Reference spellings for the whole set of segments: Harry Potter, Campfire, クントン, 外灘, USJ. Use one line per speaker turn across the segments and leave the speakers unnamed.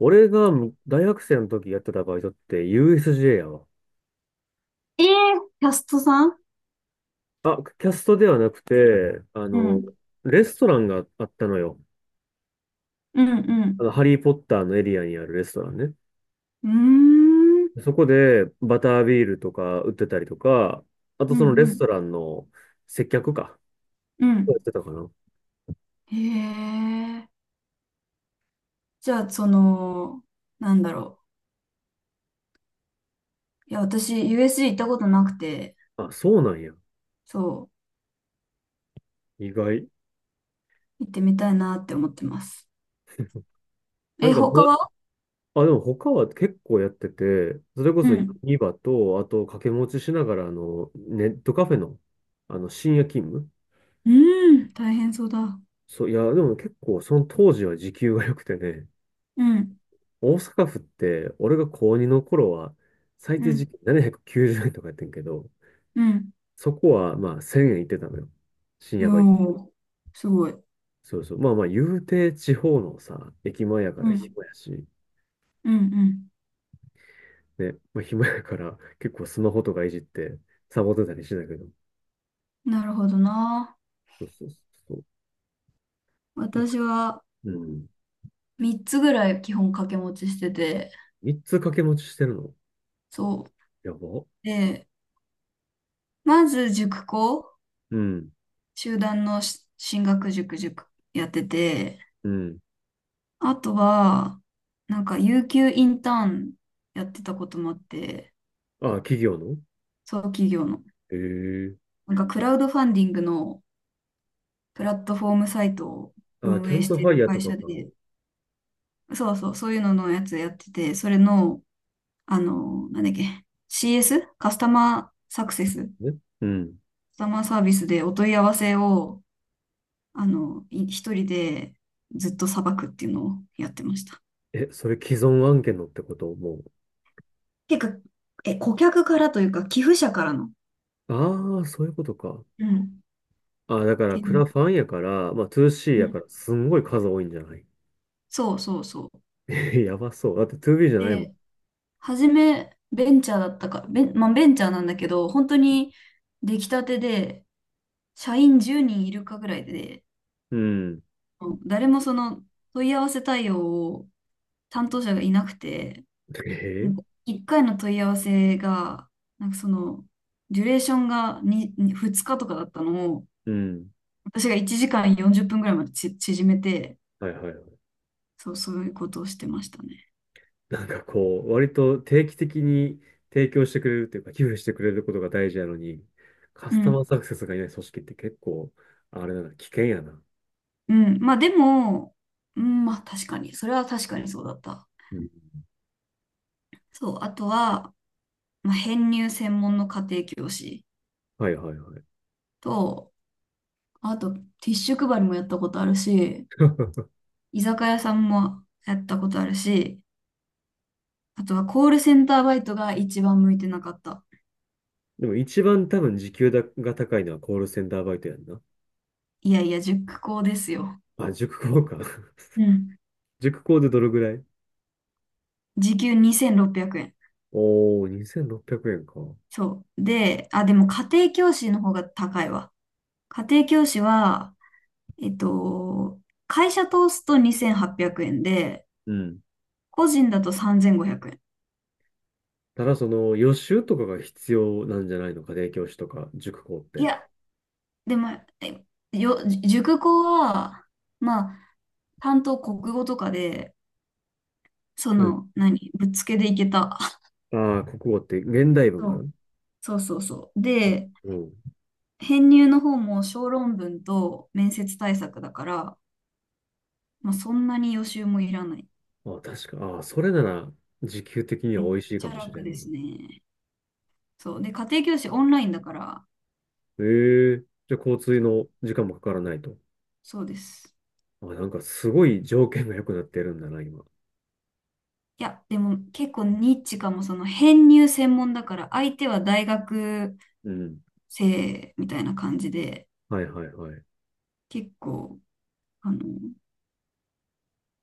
俺が大学生の時やってたバイトって USJ やわ。
ええ。キャストさん。
あ、キャストではなくて、
うん、
レストランがあったのよ。
うん、うん。
ハリー・ポッターのエリアにあるレストランね。
うーん、
そこでバタービールとか売ってたりとか、あと
う
そ
ん、
のレ
う
ス
ん、
トランの接客か。
う
や
ん。
ってたかな。
へえ。じゃあ、その、なんだろう。いや、私、USG 行ったことなくて、
あ、そうなんや。
そ
意外。
う、行ってみたいなって思ってます。
な
え、
んか、ま
他は。
あ、でも他は結構やってて、それこ
う
そ
ん。
ニバと、あと掛け持ちしながら、ネットカフェの、深夜勤務。
うーん、大変そうだ。う
そう、いや、でも結構その当時は時給が良くてね、
ん、
大阪府って俺が高2の頃は最
う
低時
ん、
給790円とかやってんけど、
うん。
そこはまあ1000円いってたのよ。深夜
よ
バイト。
ー、すごい。
そうそう。まあまあ言うて地方のさ、駅前やか
う
ら
ん、
暇やし、
うん、うん。
ね、まあ暇やから結構スマホとかいじってサボってたりしてたけど、
なるほどな。
そうそうそうそ
私は
う。うん。
3つぐらい基本掛け持ちしてて、
3つ掛け持ちしてるの？
そう。
やば。
で、まず塾講、
うん。
集団の進学塾やってて、
うん。
あとは、なんか、有給インターンやってたこともあって、
あ、企業の。
そう、企業の。
へえー。
なんか、クラウドファンディングのプラットフォームサイトを
あ、キ
運
ャ
営
ン
し
プ
て
ファイ
る
ヤーと
会
か
社
か。
で、そうそう、そういうののやつやってて、それの、あの、なんだっけ、CS？ カスタマーサクセス、カ
ね。うん。
スタマーサービスでお問い合わせを、あの、一人でずっとさばくっていうのをやってました。
え、それ既存案件のってことも、
結構顧客からというか、寄付者からの。
う。ああ、そういうことか。
うん。っ
ああ、だから
て
ク
い
ラファンやから、まあ 2C
う。う
やか
ん、
ら、すんごい数多いんじゃない？
そうそうそう。
え、やばそう。だって 2B じゃないもん。
で、初め、ベンチャーだったか、まあ、ベンチャーなんだけど、本当に出来たてで、社員10人いるかぐらいで、
うん。
うん、誰もその問い合わせ対応を担当者がいなくて、
え
なんか
ー、
1回の問い合わせが、なんかその、デュレーションが 2, 日とかだったのを、
うん。
私が1時間40分ぐらいまで縮めて、
はいはいはい。
そう、そういうことをしてましたね。
なんかこう、割と定期的に提供してくれるっていうか、寄付してくれることが大事なのに、カ
う
スタ
ん。
マーサクセスがいない組織って結構、あれだな、危険やな。
うん。まあでも、うん、まあ確かに、それは確かにそうだった。
うん。
そう、あとは、まあ、編入専門の家庭教師
はいはいはい。
と、あと、ティッシュ配りもやったことあるし、居酒屋さんもやったことあるし、あとはコールセンターバイトが一番向いてなかった。
でも一番多分時給だが高いのはコールセンターバイトやんな。
いやいや、塾講ですよ。
あ、塾講か。
うん。
塾講でどれぐらい？
時給2600円。
おー、2600円か。
そう。で、あ、でも家庭教師の方が高いわ。家庭教師は、えっと、会社通すと2800円で、
うん。
個人だと3500円。
ただその予習とかが必要なんじゃないのか、家庭教師とか塾講っ
い
て。
や、でも、えよ、塾講は、まあ、担当国語とかで、そ
うん。
の、何、ぶっつけでいけた。
ああ、国語って現代文かな？
そうそうそうそう。
あ、
で、
うん。
編入の方も小論文と面接対策だから、まあ、そんなに予習もいらない。
あ、確か。ああ、それなら時給的に
め
は
っ
美味しい
ち
か
ゃ
もしれ
楽
ん
で
な。
すね。そう。で、家庭教師オンラインだから、
ええ。じゃあ、交通
そう、
の時間もかからないと。
そうです。
あ、なんかすごい条件が良くなってるんだな、今。
いや、でも結構ニッチかも、その編入専門だから、相手は大学
うん。
生みたいな感じで、
はいはいはい。
結構、あの、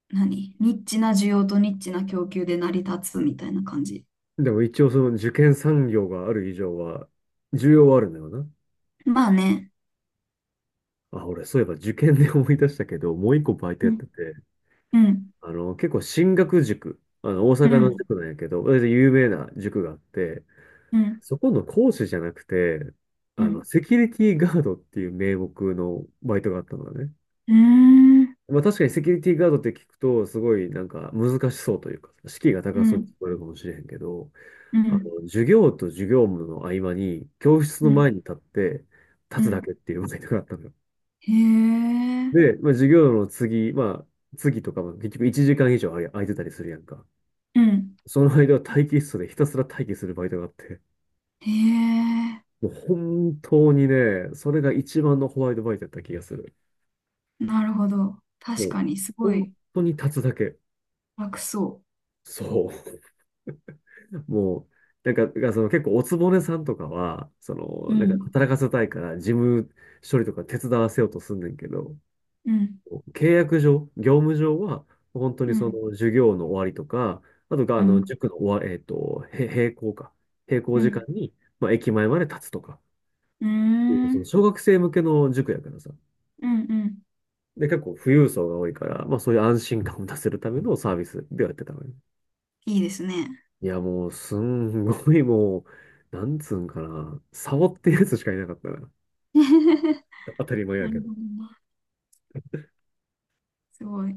何、ニッチな需要とニッチな供給で成り立つみたいな感じ。
でも一応その受験産業がある以上は、需要はあるんだよな。
まあね。
あ、俺、そういえば受験で思い出したけど、もう一個バイト
う
やっ
ん、
てて、
うん、
結構進学塾、大
う
阪の
ん、
塾なんやけど、有名な塾があって、
うん、
そこの講師じゃなくて、
うん、
セキュリティガードっていう名目のバイトがあったのだね。
うん、
まあ確かにセキュリティガードって聞くと、すごいなんか難しそうというか、敷居が
う
高そうに
ん、
聞こえるかもしれへんけど、
うん、
授業と授業の合間に、教室
う
の
ん、
前に立って、立
う
つだ
ん。
けっていうバイトがあったのよ。
へえ、
で、まあ、授業の次、まあ、次とかも結局1時間以上あれ空いてたりするやんか。
うん、
その間は待機室でひたすら待機するバイトがあって、
へえ、
もう本当にね、それが一番のホワイトバイトだった気がする。
なるほど。確
もう、
かに、すご
本
い
当に立つだけ。
楽そ
そう。もう、なんか、その結構おつぼねさんとかは、そ
う。
の、
う
なんか
ん、
働かせたいから事務処理とか手伝わせようとすんねんけど、
うん、
契約上、業務上は、本当に
う
そ
ん、
の授業の終わりとか、あとが、あ
う
の、
ん、
塾の終わ、えっと、へ閉校か。閉校
う
時間
ん。
に、まあ、駅前まで立つとか。
うーん。う
その
ん、
小学生向けの塾やからさ。
うん。
で、結構富裕層が多いから、まあそういう安心感を出せるためのサービスではやってたのね。
いいですね。
いや、もう、すんごい、もう、なんつうんかな。サボってるやつしかいなかったな。当たり前や
な
け
る
ど。
ほどね。すごい。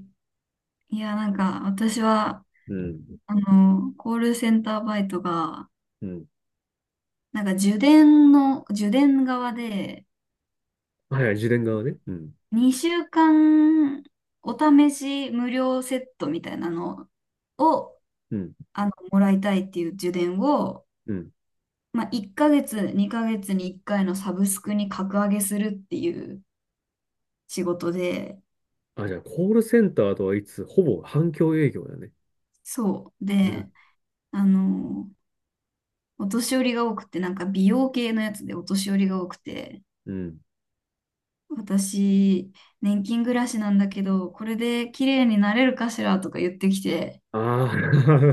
いや、なんか、私は、
うん。
あの、コールセンターバイトが、
うん。
なんか、受電側で、
はいはい、自伝側ね。うん。
2週間、お試し無料セットみたいなのを、
うん。
あの、もらいたいっていう受電を、
うん。
まあ、1ヶ月、2ヶ月に1回のサブスクに格上げするっていう仕事で、
あ、じゃあ、コールセンターとはいつ、ほぼ反響営業だね。
そう。
うん。
で、あの、お年寄りが多くて、なんか美容系のやつでお年寄りが多くて、
うん。
私、年金暮らしなんだけど、これで綺麗になれるかしらとか言ってきて、
あ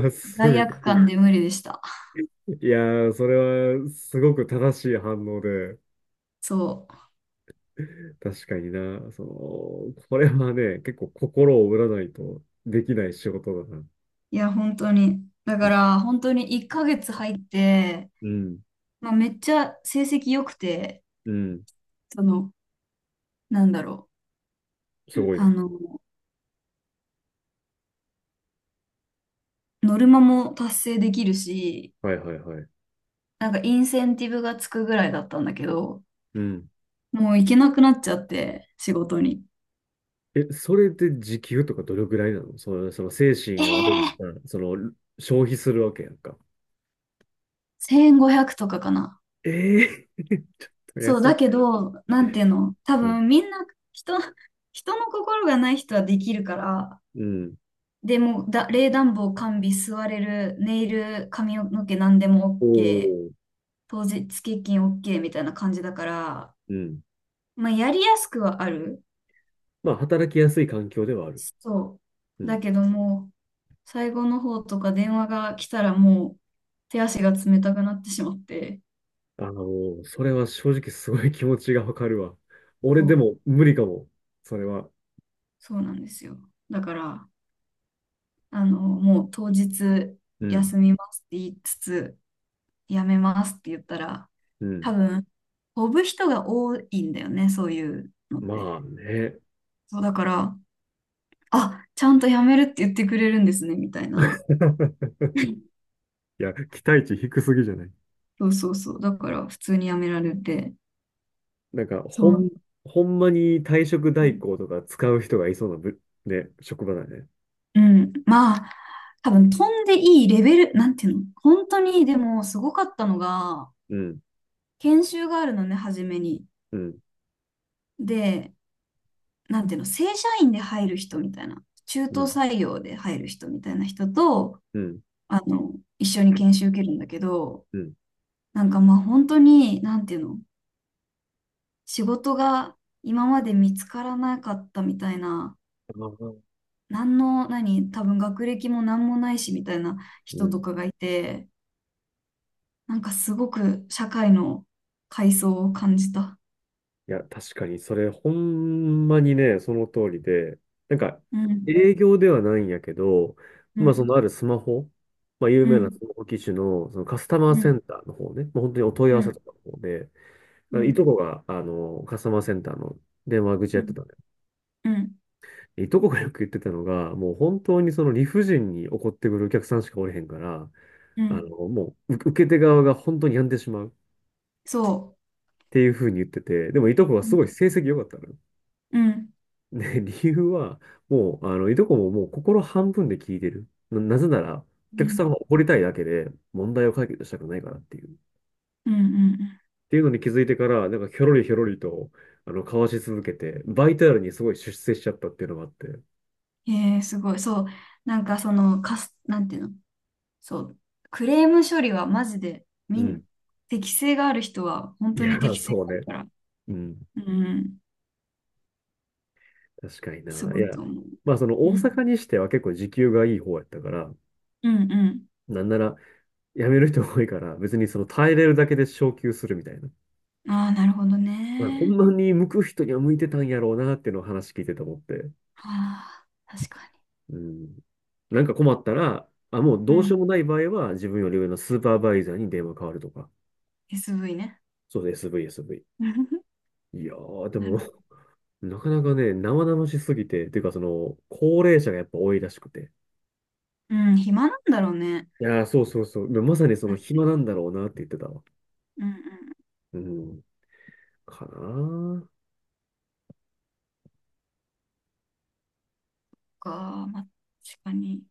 あ、す
罪悪
ごい。
感で無理でした。
いやー、それは、すごく正しい反応で、
そう。
確かにな、その、これはね、結構心を折らないとできない仕事だな。
いや、本当に。だか
う
ら、本当に1ヶ月入って、
ん。
まあ、めっちゃ成績良くて、
うん。
その、なんだろ
す
う。
ごいな。
あの、ノルマも達成できるし、
はいはいはい。
なんかインセンティブがつくぐらいだったんだけど、
うん。
もう行けなくなっちゃって、仕事に。
え、それで時給とかどれぐらいなの？その、その精神
え
をある意味、
え
うん、その、消費するわけやんか。
1500とかかな。
ええ。 ちょっと
そう、
安い。
だけど、なんていうの、多
うん。
分みんな人、人の心がない人はできるから、
うん。
でも冷暖房完備、座れる、ネイル、髪の毛何でも
お
OK、
ー。
当日欠勤 OK みたいな感じだから、
うん。
まあやりやすくはある。
まあ、働きやすい環境ではある。
そ
う
う。だ
ん。
けどもう、最後の方とか電話が来たらもう手足が冷たくなってしまって、
それは正直すごい気持ちがわかるわ。俺
そ
で
う、
も無理かも。それは。
そうなんですよ。だから、あの、もう当日
うん。
休みますって言いつつ、やめますって言ったら、
うん。
多分、飛ぶ人が多いんだよね、そういうのっ
まあ
て。
ね。
そうだから、あ、ちゃんとやめるって言ってくれるんですね、みたいな。
いや、期待値低すぎじゃない？
そうそうそう。だから普通にやめられて。
なんか、
そう。
ほんまに退職代行とか使う人がいそうなね、職場だね。
うん。まあ、多分飛んでいいレベル、なんていうの、本当にでもすごかったのが、
うん。
研修があるのね、初めに。
うん。
で、なんていうの、正社員で入る人みたいな、中
う
途
ん。
採用で入る人みたいな人と、
うん。
あの、一緒に研修受けるんだけど、
うん。
なんかまあ本当に、なんていうの、仕事が今まで見つからなかったみたいな、
あー、
何の、何、多分学歴も何もないしみたいな
う
人と
ん。
かがいて、なんかすごく社会の階層を感じた。
いや、確かに、それ、ほんまにね、その通りで、なんか、
うん、
営業ではないんやけど、
う
まあ、そ
ん、
のあるスマホ、まあ、有
う
名な
ん、
スマホ機種の、そのカスタマー
う
セ
ん、
ンターの方ね、もう本当にお問い合
う
わせ
ん、
とかの方で、
う
まあのい
ん、
とこが、カスタマーセンターの電話口
う
やって
ん、
たんだよ
うん、
ね。いとこがよく言ってたのが、もう本当にその理不尽に怒ってくるお客さんしかおれへんから、
うん、
もう、受け手側が本当に病んでしまうっ
そ
ていうふうに言ってて、でもいとこは
う。う
すごい
ん。
成績良かったのよ。
うん、
で、理由は、もう、いとこももう心半分で聞いてる。なぜなら、お
う
客さ
ん、
んが怒りたいだけで、問題を解決したくないからっていう。っ
うん、うん、
ていうのに気づいてから、なんか、ひょろりひょろりと、交わし続けて、バイタルにすごい出世しちゃったっていうのがあって。
うん。ええ、すごい。そう。なんかその、なんていうの、そう。クレーム処理はマジで、
うん。
適性がある人は本
い
当に
や、
適性が
そう
ある
ね。
から、
うん。
うん、
確かに
す
な。い
ごい
や、
と思う。
まあ、その、
う
大
ん。
阪にしては結構時給がいい方やったから、
うん、う
なんなら、辞める人多いから、別にその、耐えれるだけで昇給するみたいな。
ん。ああ、なるほど
まあ、ほん
ね。
まに向く人には向いてたんやろうなっていうのを話聞いてて思って。
ああ、確か
うん。なんか困ったら、あ、もう
に。う
どうしよう
ん。
もない場合は自分より上のスーパーバイザーに電話変わるとか。
SV ね。
そうです、SV、SV。いやー、で
な
も、
るほど。
なかなかね、生々しすぎて、っていうかその、高齢者がやっぱ多いらしくて。
うん、暇なんだろうね。
いやー、そうそうそう。まさにその
マジで。
暇なんだろうなって言ってたわ。
うん、うん。そ
うん。かなー
っか、まあ、確かに。